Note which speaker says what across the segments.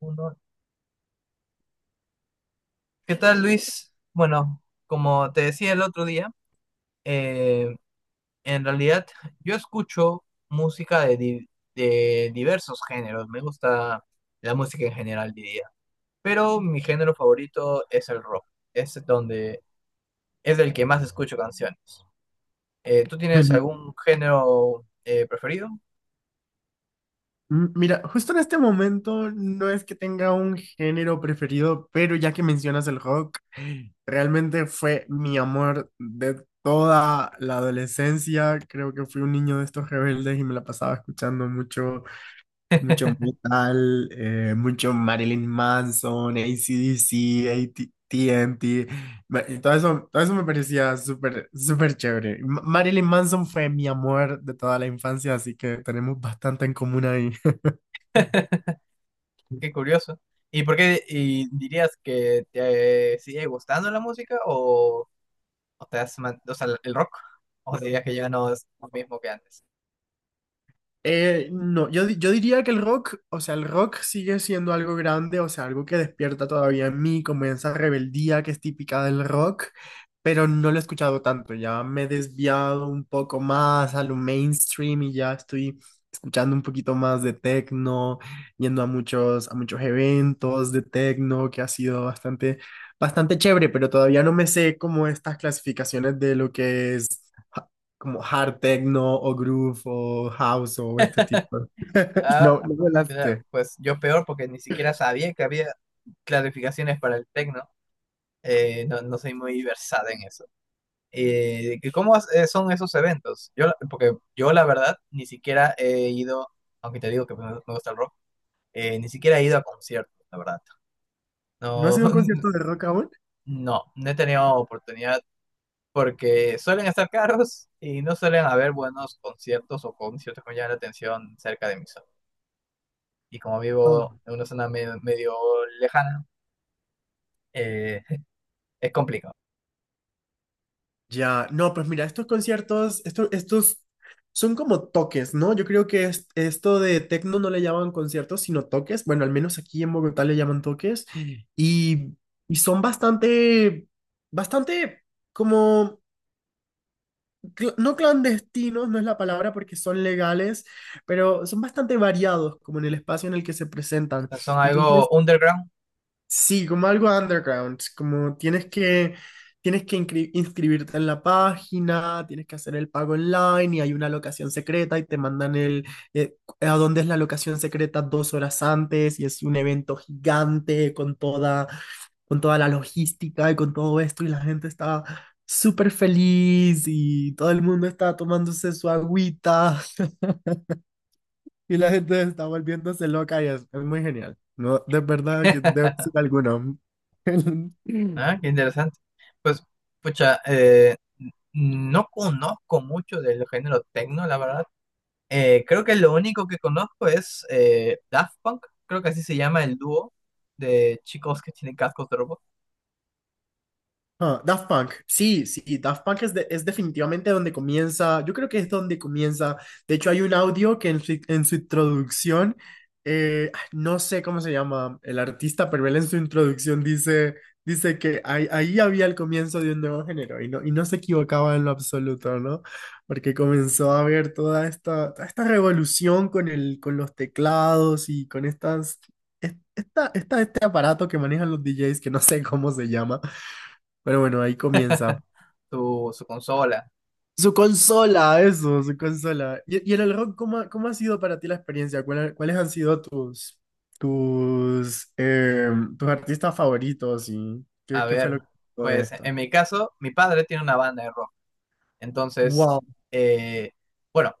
Speaker 1: Uno. ¿Qué tal, Luis? Bueno, como te decía el otro día, eh, en realidad yo escucho música de diversos géneros. Me gusta la música en general, diría. Pero mi género favorito es el rock. Es donde es el que más escucho canciones. ¿Tú tienes
Speaker 2: El-
Speaker 1: algún género preferido?
Speaker 2: Mira, justo en este momento no es que tenga un género preferido, pero ya que mencionas el rock, realmente fue mi amor de toda la adolescencia. Creo que fui un niño de estos rebeldes y me la pasaba escuchando mucho metal, mucho Marilyn Manson, AC/DC, AT&T, y todo eso me parecía súper, súper chévere. Marilyn Manson fue mi amor de toda la infancia, así que tenemos bastante en común ahí.
Speaker 1: Qué curioso. ¿Y por qué y dirías que te sigue gustando la música? O ¿O o sea, el rock? ¿O dirías que ya no es lo mismo que antes?
Speaker 2: No, yo diría que el rock, o sea, el rock sigue siendo algo grande, o sea, algo que despierta todavía en mí, como esa rebeldía que es típica del rock, pero no lo he escuchado tanto, ya me he desviado un poco más a lo mainstream y ya estoy escuchando un poquito más de techno, yendo a muchos eventos de techno, que ha sido bastante, bastante chévere, pero todavía no me sé como estas clasificaciones de lo que es como hard techno o groove o house o este tipo.
Speaker 1: Ah,
Speaker 2: No, no me las.
Speaker 1: mira, pues yo peor porque ni siquiera sabía que había clarificaciones para el techno. No, no soy muy versada en eso. ¿Y son esos eventos? Porque yo la verdad ni siquiera he ido, aunque te digo que me gusta el rock, ni siquiera he ido a conciertos, la verdad.
Speaker 2: ¿No ha
Speaker 1: No.
Speaker 2: sido un concierto de rock aún?
Speaker 1: No, no he tenido oportunidad porque suelen estar caros y no suelen haber buenos conciertos o conciertos que me llamen la atención cerca de mi zona. Y como vivo
Speaker 2: Ah.
Speaker 1: en una zona medio lejana, eh, es complicado.
Speaker 2: Ya, no, pues mira, estos conciertos, estos son como toques, ¿no? Yo creo que esto de tecno no le llaman conciertos, sino toques. Bueno, al menos aquí en Bogotá le llaman toques. Y, y son bastante, bastante como no clandestinos, no es la palabra porque son legales, pero son bastante variados como en el espacio en el que se
Speaker 1: O
Speaker 2: presentan.
Speaker 1: sea, son algo
Speaker 2: Entonces,
Speaker 1: underground.
Speaker 2: sí, como algo underground, como tienes que inscribirte en la página, tienes que hacer el pago online y hay una locación secreta y te mandan el, eh, a dónde es la locación secreta 2 horas antes y es un evento gigante con toda la logística y con todo esto y la gente está súper feliz y todo el mundo está tomándose su agüita. Y la gente está volviéndose loca y es muy genial. No, de verdad que debe ser alguno.
Speaker 1: ¿Ah? Qué interesante. Pues, pucha, no conozco mucho del género techno, la verdad. Creo que lo único que conozco es Daft Punk, creo que así se llama el dúo de chicos que tienen cascos de robot,
Speaker 2: Ah, Daft Punk, sí, sí, Daft Punk es definitivamente donde comienza, yo creo que es donde comienza, de hecho hay un audio que en su introducción, no sé cómo se llama el artista, pero él en su introducción dice que ahí había el comienzo de un nuevo género y no se equivocaba en lo absoluto, ¿no? Porque comenzó a haber toda esta revolución con los teclados y con estas... este aparato que manejan los DJs, que no sé cómo se llama, pero bueno, ahí comienza.
Speaker 1: su consola.
Speaker 2: Su consola, eso, su consola. Y en el rock, ¿¿ cómo ha sido para ti la experiencia? ¿ cuáles han sido tus, eh, tus artistas favoritos y
Speaker 1: A
Speaker 2: qué fue
Speaker 1: ver,
Speaker 2: lo que pasó de
Speaker 1: pues
Speaker 2: esta?
Speaker 1: en mi caso, mi padre tiene una banda de rock. Entonces,
Speaker 2: Wow,
Speaker 1: eh, bueno,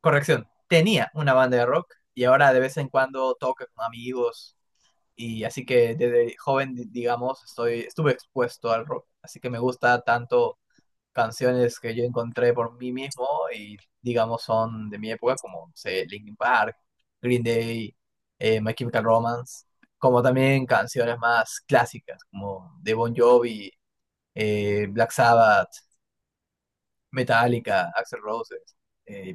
Speaker 1: corrección, tenía una banda de rock y ahora de vez en cuando toca con amigos, y así que desde joven, digamos, estuve expuesto al rock. Así que me gusta tanto canciones que yo encontré por mí mismo y digamos son de mi época como, no sé, Linkin Park, Green Day, My Chemical Romance, como también canciones más clásicas como de Bon Jovi, Black Sabbath, Metallica, Axl Rose, eh,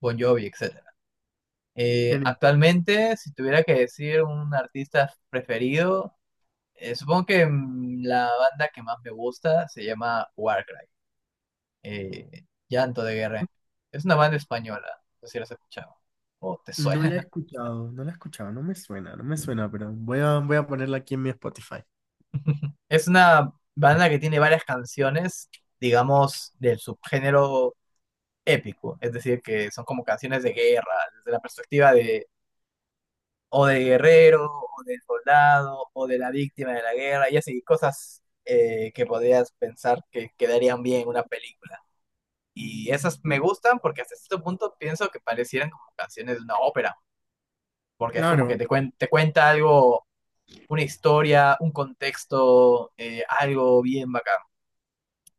Speaker 1: Bon Jovi, etcétera.
Speaker 2: genial.
Speaker 1: Actualmente, si tuviera que decir un artista preferido, supongo que la banda que más me gusta se llama Warcry, Llanto de Guerra. Es una banda española, no sé si la has escuchado o te
Speaker 2: No la he
Speaker 1: suena.
Speaker 2: escuchado, no la he escuchado, no me suena, no me suena, pero voy a ponerla aquí en mi Spotify.
Speaker 1: Es una banda que tiene varias canciones, digamos, del subgénero épico, es decir, que son como canciones de guerra, desde la perspectiva de o de guerrero, o del soldado, o de la víctima de la guerra, y así, cosas, que podrías pensar que quedarían bien en una película. Y esas me gustan porque hasta cierto punto pienso que parecieran como canciones de una ópera, porque es como que
Speaker 2: Claro,
Speaker 1: te cuenta algo, una historia, un contexto, algo bien bacán.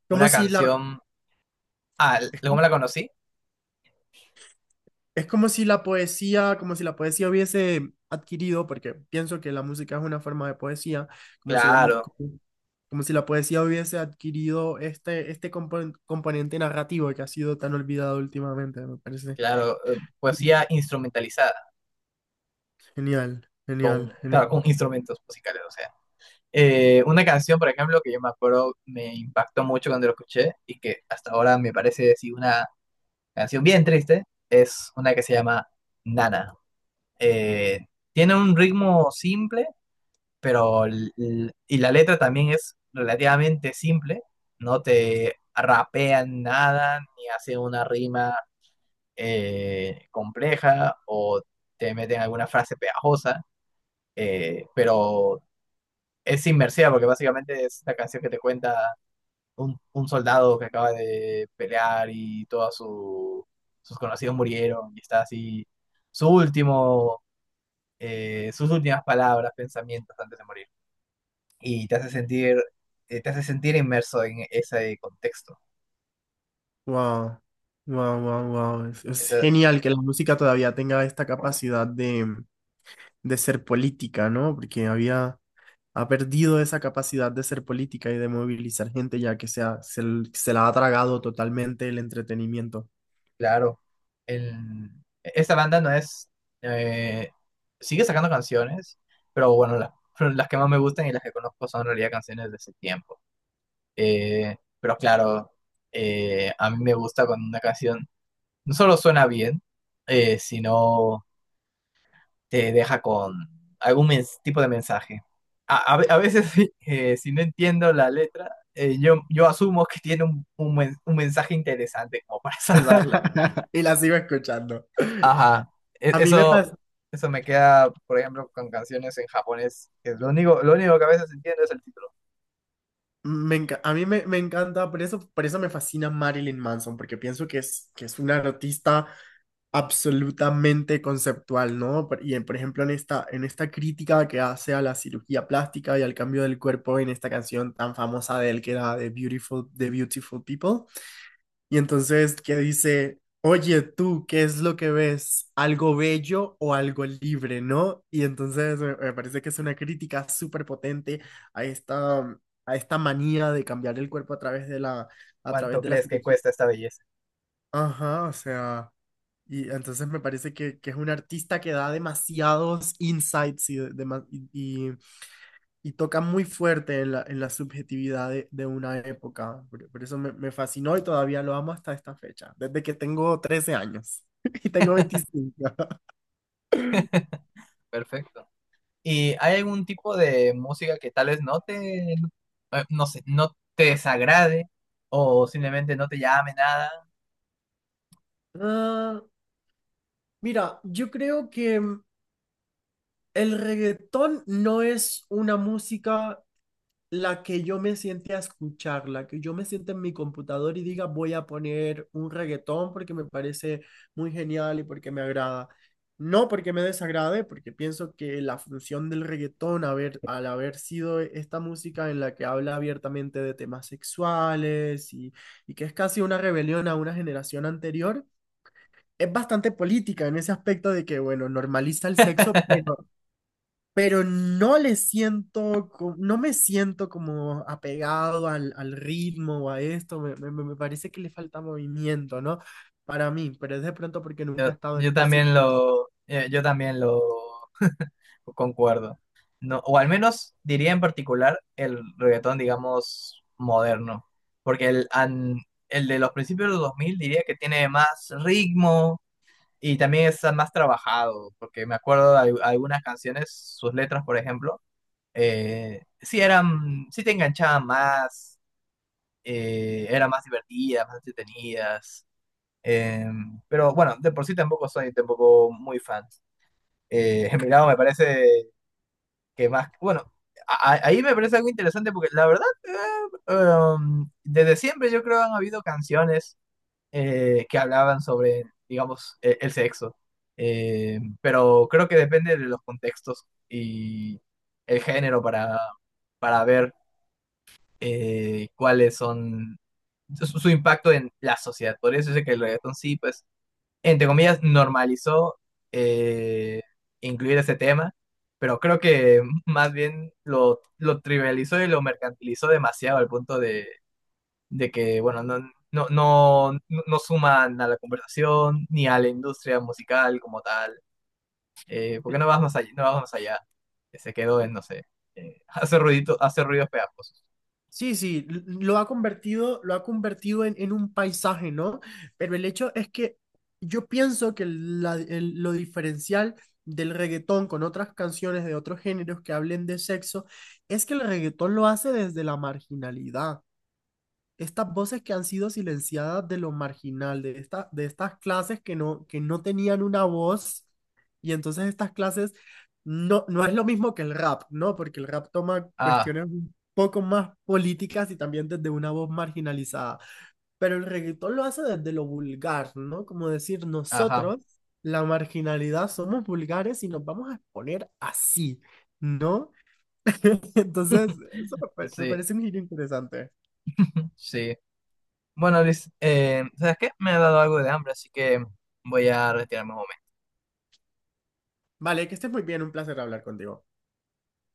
Speaker 2: como
Speaker 1: Una
Speaker 2: si la,
Speaker 1: canción, ah, ¿cómo la conocí?
Speaker 2: es como si la poesía, hubiese adquirido, porque pienso que la música es una forma de poesía, como si la, mu-
Speaker 1: Claro,
Speaker 2: como, como si la poesía hubiese adquirido este componente narrativo que ha sido tan olvidado últimamente, me parece.
Speaker 1: claro, poesía instrumentalizada,
Speaker 2: Genial, genial,
Speaker 1: con, claro,
Speaker 2: genial.
Speaker 1: con instrumentos musicales, o sea. Una canción, por ejemplo, que yo me acuerdo me impactó mucho cuando lo escuché y que hasta ahora me parece, sí, una canción bien triste, es una que se llama Nana. Eh, Tiene un ritmo simple, pero y la letra también es relativamente simple, no te rapean nada ni hacen una rima compleja o te meten alguna frase pegajosa, pero es inmersiva porque básicamente es la canción que te cuenta un soldado que acaba de pelear y todos sus conocidos murieron y está así su último, sus últimas palabras, pensamientos antes de morir. Y te hace sentir inmerso en ese contexto.
Speaker 2: Wow, wow, wow, wow. Es
Speaker 1: Entonces,
Speaker 2: genial que la música todavía tenga esta capacidad de ser política, ¿no? Porque ha perdido esa capacidad de ser política y de movilizar gente, ya que se la ha tragado totalmente el entretenimiento.
Speaker 1: claro, el- esta banda no es, eh, sigue sacando canciones, pero bueno, pero las que más me gustan y las que conozco son en realidad canciones de ese tiempo. Pero claro, a mí me gusta cuando una canción no solo suena bien, sino te deja con algún tipo de mensaje. A veces, si no entiendo la letra, yo asumo que tiene un men- un mensaje interesante como para salvarla.
Speaker 2: Y la sigo escuchando.
Speaker 1: Ajá, e-
Speaker 2: A mí me,
Speaker 1: eso,
Speaker 2: pas-
Speaker 1: eso me queda, por ejemplo, con canciones en japonés, que es lo único que a veces entiendo es el título.
Speaker 2: me, enca- a mí me, me encanta, por eso me fascina Marilyn Manson, porque pienso que que es una artista absolutamente conceptual, ¿no? Por ejemplo, en esta crítica que hace a la cirugía plástica y al cambio del cuerpo en esta canción tan famosa de él que era The Beautiful People. Y entonces que dice, oye tú, ¿qué es lo que ves? ¿Algo bello o algo libre, no? Y entonces me parece que es una crítica súper potente a esta manía de cambiar el cuerpo a través de la, a través
Speaker 1: ¿Cuánto
Speaker 2: de la
Speaker 1: crees que
Speaker 2: cirugía.
Speaker 1: cuesta esta belleza?
Speaker 2: Ajá, o sea, y entonces me parece que es un artista que da demasiados insights y toca muy fuerte en la subjetividad de una época. Por eso me fascinó y todavía lo amo hasta esta fecha, desde que tengo 13 años y tengo 25.
Speaker 1: Perfecto. ¿Y hay algún tipo de música que tal vez no te, no sé, no te desagrade o simplemente no te llame nada?
Speaker 2: Ah, mira, yo creo que el reggaetón no es una música la que yo me siente a escuchar, la que yo me siente en mi computador y diga voy a poner un reggaetón porque me parece muy genial y porque me agrada. No porque me desagrade, porque pienso que la función del reggaetón al haber sido esta música en la que habla abiertamente de temas sexuales y que es casi una rebelión a una generación anterior, es bastante política en ese aspecto de que, bueno, normaliza el sexo, pero no le siento, no me siento como apegado al ritmo o a esto, me parece que le falta movimiento, ¿no? Para mí, pero es de pronto porque nunca he estado en esos círculos.
Speaker 1: Yo también lo concuerdo. No, o al menos diría en particular el reggaetón, digamos, moderno. Porque el de los principios de los 2000 diría que tiene más ritmo y también está más trabajado. Porque me acuerdo de algunas canciones, sus letras, por ejemplo, sí eran, sí te enganchaban más, eran más divertidas, más entretenidas. eh, pero bueno, de por sí tampoco soy tampoco muy fan. Milagro me parece que más, bueno, ahí me parece algo interesante porque la verdad, desde siempre yo creo han habido canciones, que hablaban sobre, digamos, el sexo. Pero creo que depende de los contextos y el género para, ver cuáles son su impacto en la sociedad. Por eso sé que el reggaetón sí, pues, entre comillas, normalizó, eh, incluir ese tema, pero creo que más bien lo trivializó y lo mercantilizó demasiado al punto de que, bueno, no suman a la conversación ni a la industria musical como tal. ¿Por qué no vas más allá? No vamos más allá. Que se quedó en, no sé, hace ruidito, hace ruidos pegajosos.
Speaker 2: Sí, sí, lo ha convertido, en un paisaje, ¿no? Pero el hecho es que yo pienso que lo diferencial del reggaetón con otras canciones de otros géneros que hablen de sexo es que el reggaetón lo hace desde la marginalidad. Estas voces que han sido silenciadas de lo marginal, de estas clases que no tenían una voz, y entonces estas clases no es lo mismo que el rap, ¿no? Porque el rap toma
Speaker 1: Ah,
Speaker 2: cuestiones un poco más políticas y también desde una voz marginalizada, pero el reggaetón lo hace desde lo vulgar, ¿no? Como decir,
Speaker 1: ajá.
Speaker 2: nosotros, la marginalidad, somos vulgares y nos vamos a exponer así, ¿no? Entonces, eso me
Speaker 1: Sí,
Speaker 2: parece un giro interesante.
Speaker 1: sí. Bueno, Liz, ¿sabes qué? Me ha dado algo de hambre, así que voy a retirarme un momento.
Speaker 2: Vale, que estés muy bien, un placer hablar contigo.